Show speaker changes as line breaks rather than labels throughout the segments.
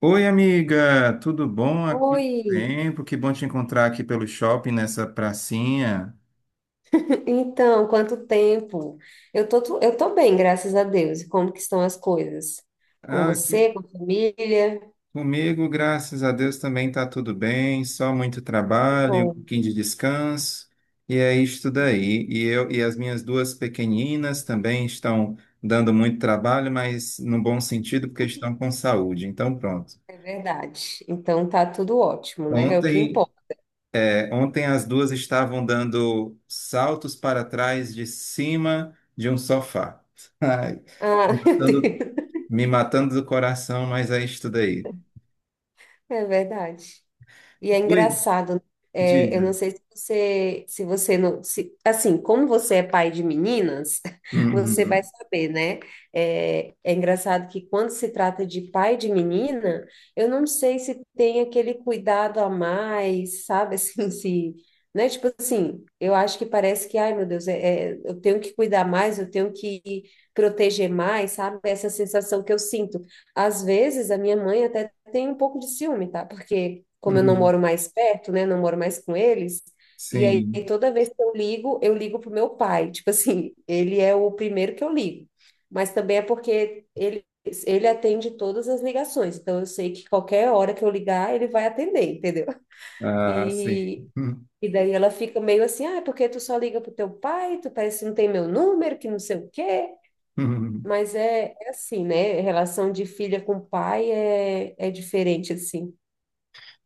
Oi, amiga, tudo bom? Há quanto
Oi,
tempo? Que bom te encontrar aqui pelo shopping nessa pracinha.
então, quanto tempo? Eu tô bem, graças a Deus. E como que estão as coisas? Com
Ah,
você, com a família?
comigo, graças a Deus, também tá tudo bem, só muito
Que
trabalho, um
bom,
pouquinho de descanso, e é isto daí. E eu e as minhas duas pequeninas também estão dando muito trabalho, mas no bom sentido, porque estão com saúde. Então, pronto.
é verdade. Então tá tudo ótimo, né? É o que
Ontem
importa.
Ontem as duas estavam dando saltos para trás de cima de um sofá. Ai,
Ah,
me
meu
matando,
Deus.
me matando, do coração, mas é isso daí.
É verdade. E é
Dois,
engraçado, né? É, eu não
dizem.
sei se você não, se, assim, como você é pai de meninas, você vai
Uhum,
saber, né? É engraçado que quando se trata de pai de menina, eu não sei se tem aquele cuidado a mais, sabe? Assim, se, né? Tipo assim, eu acho que parece que, ai meu Deus, eu tenho que cuidar mais, eu tenho que proteger mais, sabe? Essa sensação que eu sinto. Às vezes, a minha mãe até tenho um pouco de ciúme, tá? Porque como eu não
uhum,
moro mais perto, né? Não moro mais com eles. E aí
sim.
toda vez que eu ligo pro meu pai. Tipo assim, ele é o primeiro que eu ligo. Mas também é porque ele atende todas as ligações. Então eu sei que qualquer hora que eu ligar, ele vai atender, entendeu?
Ah, sim.
E
Uhum.
E daí ela fica meio assim, ah, é porque tu só liga pro teu pai, tu parece que não tem meu número, que não sei o quê.
Uhum.
Mas é assim, né? Relação de filha com pai é diferente, assim.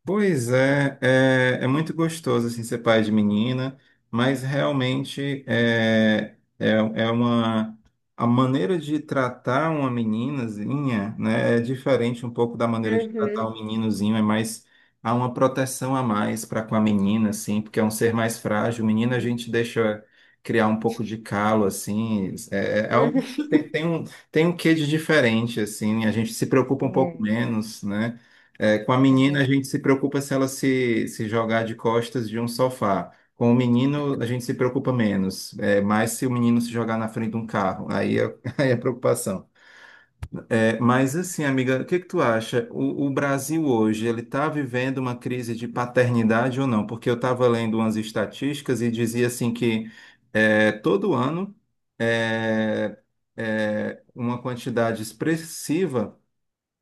Pois é, é muito gostoso assim, ser pai de menina, mas realmente é, é, é uma a maneira de tratar uma meninazinha, né, é diferente um pouco da maneira de tratar
Uhum.
um meninozinho, é mais, há uma proteção a mais para com a menina, assim, porque é um ser mais frágil. Menina a
Uhum.
gente deixa criar um pouco de calo, assim, algo tem um quê de diferente, assim, a gente se preocupa um pouco
Uhum.
menos, né? É, com a
É, é,
menina, a
né?
gente se preocupa se ela se jogar de costas de um sofá. Com o menino, a gente se preocupa menos. É, mais se o menino se jogar na frente de um carro. Aí é, aí é preocupação. É, mas assim, amiga, o que que tu acha? O Brasil hoje, ele está vivendo uma crise de paternidade ou não? Porque eu estava lendo umas estatísticas e dizia assim que todo ano, é, uma quantidade expressiva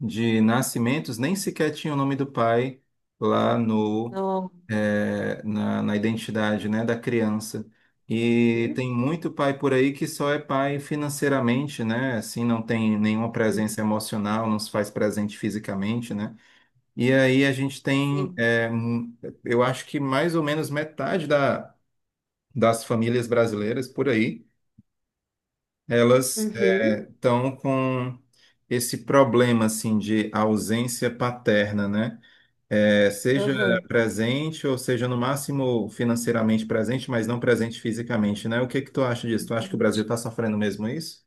de nascimentos nem sequer tinha o nome do pai lá no,
Não.
na identidade, né, da criança. E
Uhum.
tem muito pai por aí que só é pai financeiramente, né? Assim, não tem nenhuma presença emocional, não se faz presente fisicamente, né? E aí a gente tem,
Sim.
eu acho que mais ou menos metade das famílias brasileiras por aí elas
Uhum.
estão com esse problema assim de ausência paterna, né? É, seja
Aham.
presente ou seja no máximo financeiramente presente, mas não presente fisicamente, né? O que que tu acha disso? Tu acha que o
Uhum.
Brasil está sofrendo mesmo isso?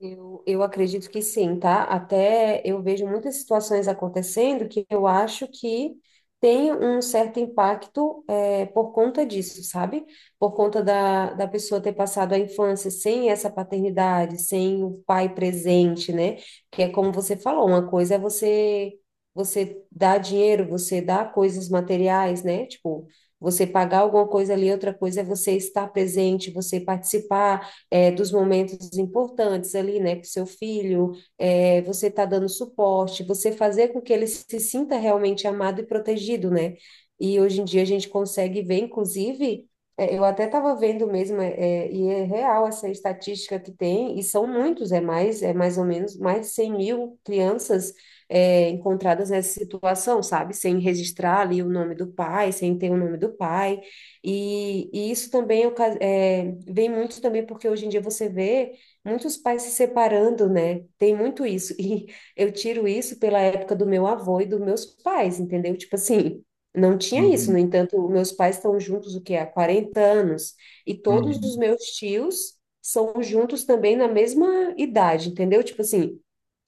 Eu acredito que sim, tá? Até eu vejo muitas situações acontecendo que eu acho que tem um certo impacto, por conta disso, sabe? Por conta da pessoa ter passado a infância sem essa paternidade, sem o pai presente, né? Que é como você falou, uma coisa é você dar dinheiro, você dar coisas materiais, né? Tipo, você pagar alguma coisa ali, outra coisa é você estar presente, você participar, dos momentos importantes ali, né, com seu filho, você está dando suporte, você fazer com que ele se sinta realmente amado e protegido, né? E hoje em dia a gente consegue ver, inclusive, eu até estava vendo mesmo, e é real essa estatística que tem, e são muitos, é mais ou menos mais de 100 mil crianças, encontradas nessa situação, sabe? Sem registrar ali o nome do pai, sem ter o nome do pai. E isso também vem muito também porque hoje em dia você vê muitos pais se separando, né? Tem muito isso. E eu tiro isso pela época do meu avô e dos meus pais, entendeu? Tipo assim, não tinha isso.
Uhum,
No entanto, meus pais estão juntos, o que há 40 anos. E todos
uhum,
os meus tios são juntos também na mesma idade, entendeu? Tipo assim,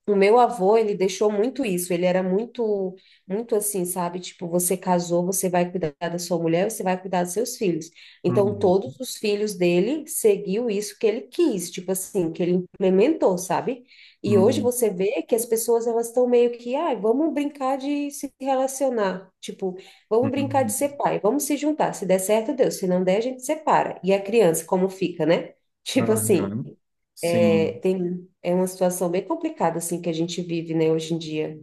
o meu avô, ele deixou muito isso, ele era muito, muito assim, sabe? Tipo, você casou, você vai cuidar da sua mulher, você vai cuidar dos seus filhos. Então,
uhum,
todos os filhos dele seguiu isso que ele quis, tipo assim, que ele implementou, sabe? E hoje
uhum,
você vê que as pessoas, elas estão meio que, ai, vamos brincar de se relacionar, tipo, vamos brincar de
uhum.
ser pai, vamos se juntar, se der certo, Deus, se não der, a gente separa. E a criança, como fica, né? Tipo assim...
Aham.
É,
Sim.
tem, é uma situação bem complicada, assim, que a gente vive, né, hoje em dia.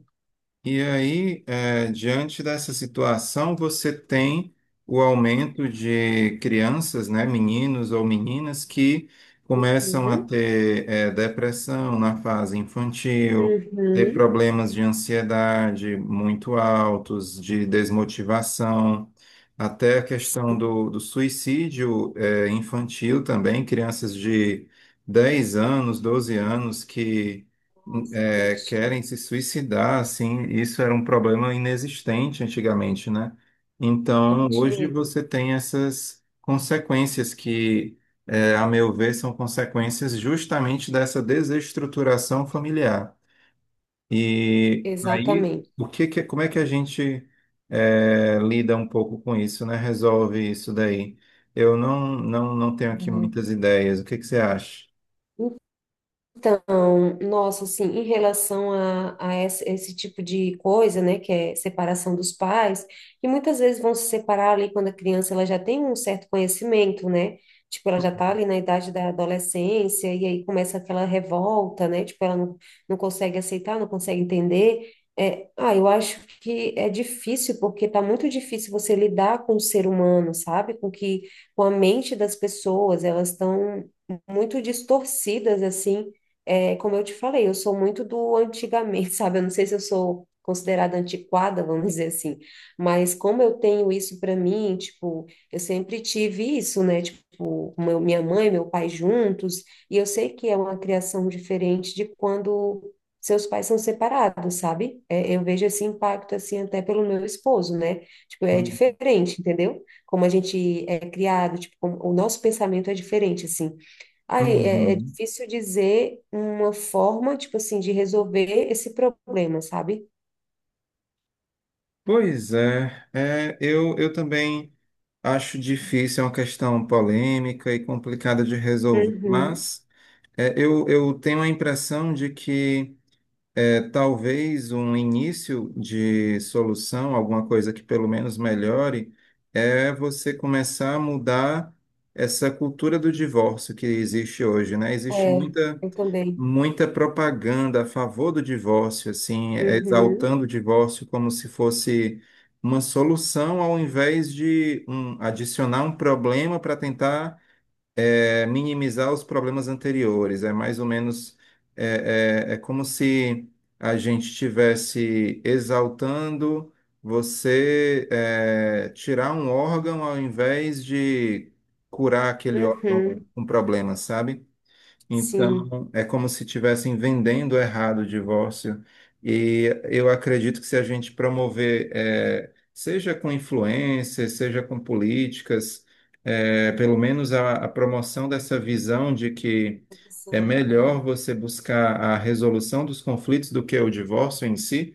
E aí, diante dessa situação, você tem o aumento de crianças, né, meninos ou meninas, que começam a
Uhum.
ter, depressão na fase infantil, ter
Uhum.
problemas de ansiedade muito altos, de desmotivação, até a questão
Sim.
do suicídio, infantil também, crianças de 10 anos, 12 anos que
Nossa, triste, né?
querem se suicidar, assim, isso era um problema inexistente antigamente, né? Então,
Não tinha
hoje
isso.
você tem essas consequências que, é, a meu ver, são consequências justamente dessa desestruturação familiar. E aí,
Exatamente.
o que que- como é que a gente lida um pouco com isso, né? Resolve isso daí? Eu não tenho aqui
É.
muitas ideias. O que que você acha?
Então, nossa, assim, em relação a esse, tipo de coisa, né, que é separação dos pais, que muitas vezes vão se separar ali quando a criança ela já tem um certo conhecimento, né? Tipo, ela já tá ali na idade da adolescência e aí começa aquela revolta, né? Tipo, ela não consegue aceitar, não consegue entender. É, ah, eu acho que é difícil, porque tá muito difícil você lidar com o ser humano, sabe? Com a mente das pessoas, elas estão muito distorcidas, assim, como eu te falei, eu sou muito do antigamente, sabe? Eu não sei se eu sou considerada antiquada, vamos dizer assim, mas como eu tenho isso para mim, tipo, eu sempre tive isso, né? Tipo, minha mãe, meu pai juntos, e eu sei que é uma criação diferente de quando seus pais são separados, sabe? É, eu vejo esse impacto assim até pelo meu esposo, né? Tipo, é diferente, entendeu? Como a gente é criado, tipo, como o nosso pensamento é diferente, assim. Ai, é
Uhum.
difícil dizer uma forma, tipo assim, de resolver esse problema, sabe?
Pois é, é, eu também acho difícil, é uma questão polêmica e complicada de resolver,
Uhum.
mas é, eu tenho a impressão de que é, talvez um início de solução, alguma coisa que pelo menos melhore, é você começar a mudar essa cultura do divórcio que existe hoje, né? Existe
É,
muita
eu também.
muita propaganda a favor do divórcio, assim,
Uhum.
exaltando o divórcio como se fosse uma solução ao invés de um, adicionar um problema para tentar minimizar os problemas anteriores. É mais ou menos é como se a gente estivesse exaltando você tirar um órgão ao invés de curar aquele órgão
Uhum.
com problema, sabe?
Sim.
Então, é como se estivessem vendendo errado o divórcio. E eu acredito que se a gente promover, seja com influências, seja com políticas, pelo menos a promoção dessa visão de que é
São,
melhor você buscar a resolução dos conflitos do que o divórcio em si,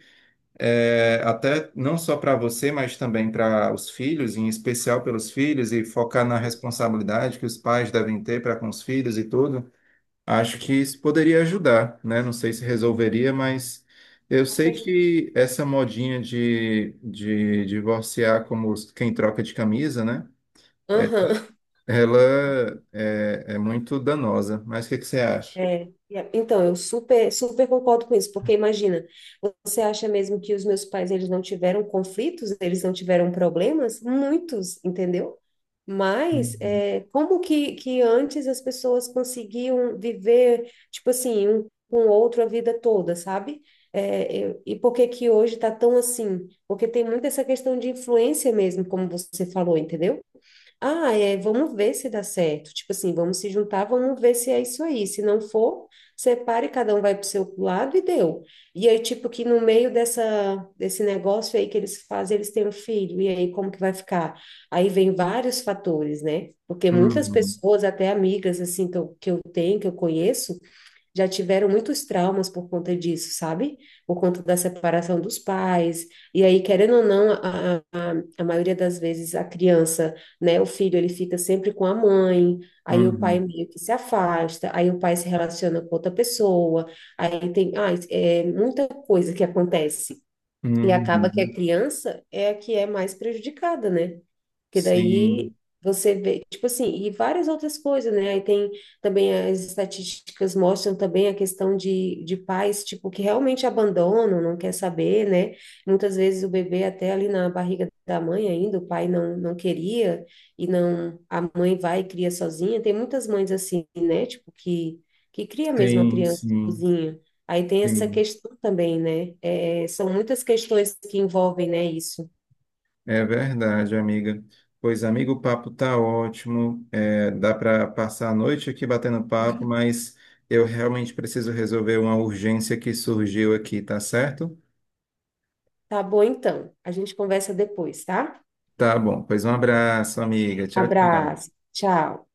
até não só para você, mas também para os filhos, em especial pelos filhos, e focar na responsabilidade que os pais devem ter para com os filhos e tudo. Acho que isso poderia ajudar, né? Não sei se resolveria, mas eu
acho
sei
que
que essa modinha de divorciar como os- quem troca de camisa, né? É-
ajudaria.
Ela é, é muito danosa. Mas o que que você acha?
É, então, eu super, super concordo com isso, porque imagina, você acha mesmo que os meus pais, eles não tiveram conflitos, eles não tiveram problemas? Muitos, entendeu? Mas
Uhum,
é, como que antes as pessoas conseguiam viver, tipo assim, um com o outro a vida toda, sabe? É, e por que que hoje tá tão assim? Porque tem muito essa questão de influência mesmo, como você falou, entendeu? Ah, vamos ver se dá certo. Tipo assim, vamos se juntar, vamos ver se é isso aí. Se não for, separe, cada um vai para o seu lado e deu. E aí, tipo, que no meio dessa, desse negócio aí que eles fazem, eles têm um filho. E aí, como que vai ficar? Aí vem vários fatores, né? Porque muitas
uhum,
pessoas, até amigas, assim, que eu tenho, que eu conheço, já tiveram muitos traumas por conta disso, sabe? Por conta da separação dos pais. E aí, querendo ou não, a maioria das vezes a criança, né, o filho, ele fica sempre com a mãe, aí o pai
uhum,
meio que se afasta, aí o pai se relaciona com outra pessoa, aí tem, ah, é muita coisa que acontece. E acaba que a
uhum.
criança é a que é mais prejudicada, né? Que daí
Sim,
você vê, tipo assim, e várias outras coisas, né? Aí tem também as estatísticas mostram também a questão de pais, tipo, que realmente abandonam, não quer saber, né? Muitas vezes o bebê até ali na barriga da mãe ainda, o pai não queria, e não, a mãe vai e cria sozinha. Tem muitas mães assim, né? Tipo, que cria mesmo a
sim,
criança
sim,
sozinha. Aí tem essa
sim.
questão também, né? É, são muitas questões que envolvem, né, isso.
É verdade, amiga. Pois, amigo, o papo tá ótimo. É, dá para passar a noite aqui batendo papo, mas eu realmente preciso resolver uma urgência que surgiu aqui, tá certo?
Tá bom, então. A gente conversa depois, tá?
Tá bom. Pois um abraço, amiga. Tchau,
Abraço.
tchau.
Tchau.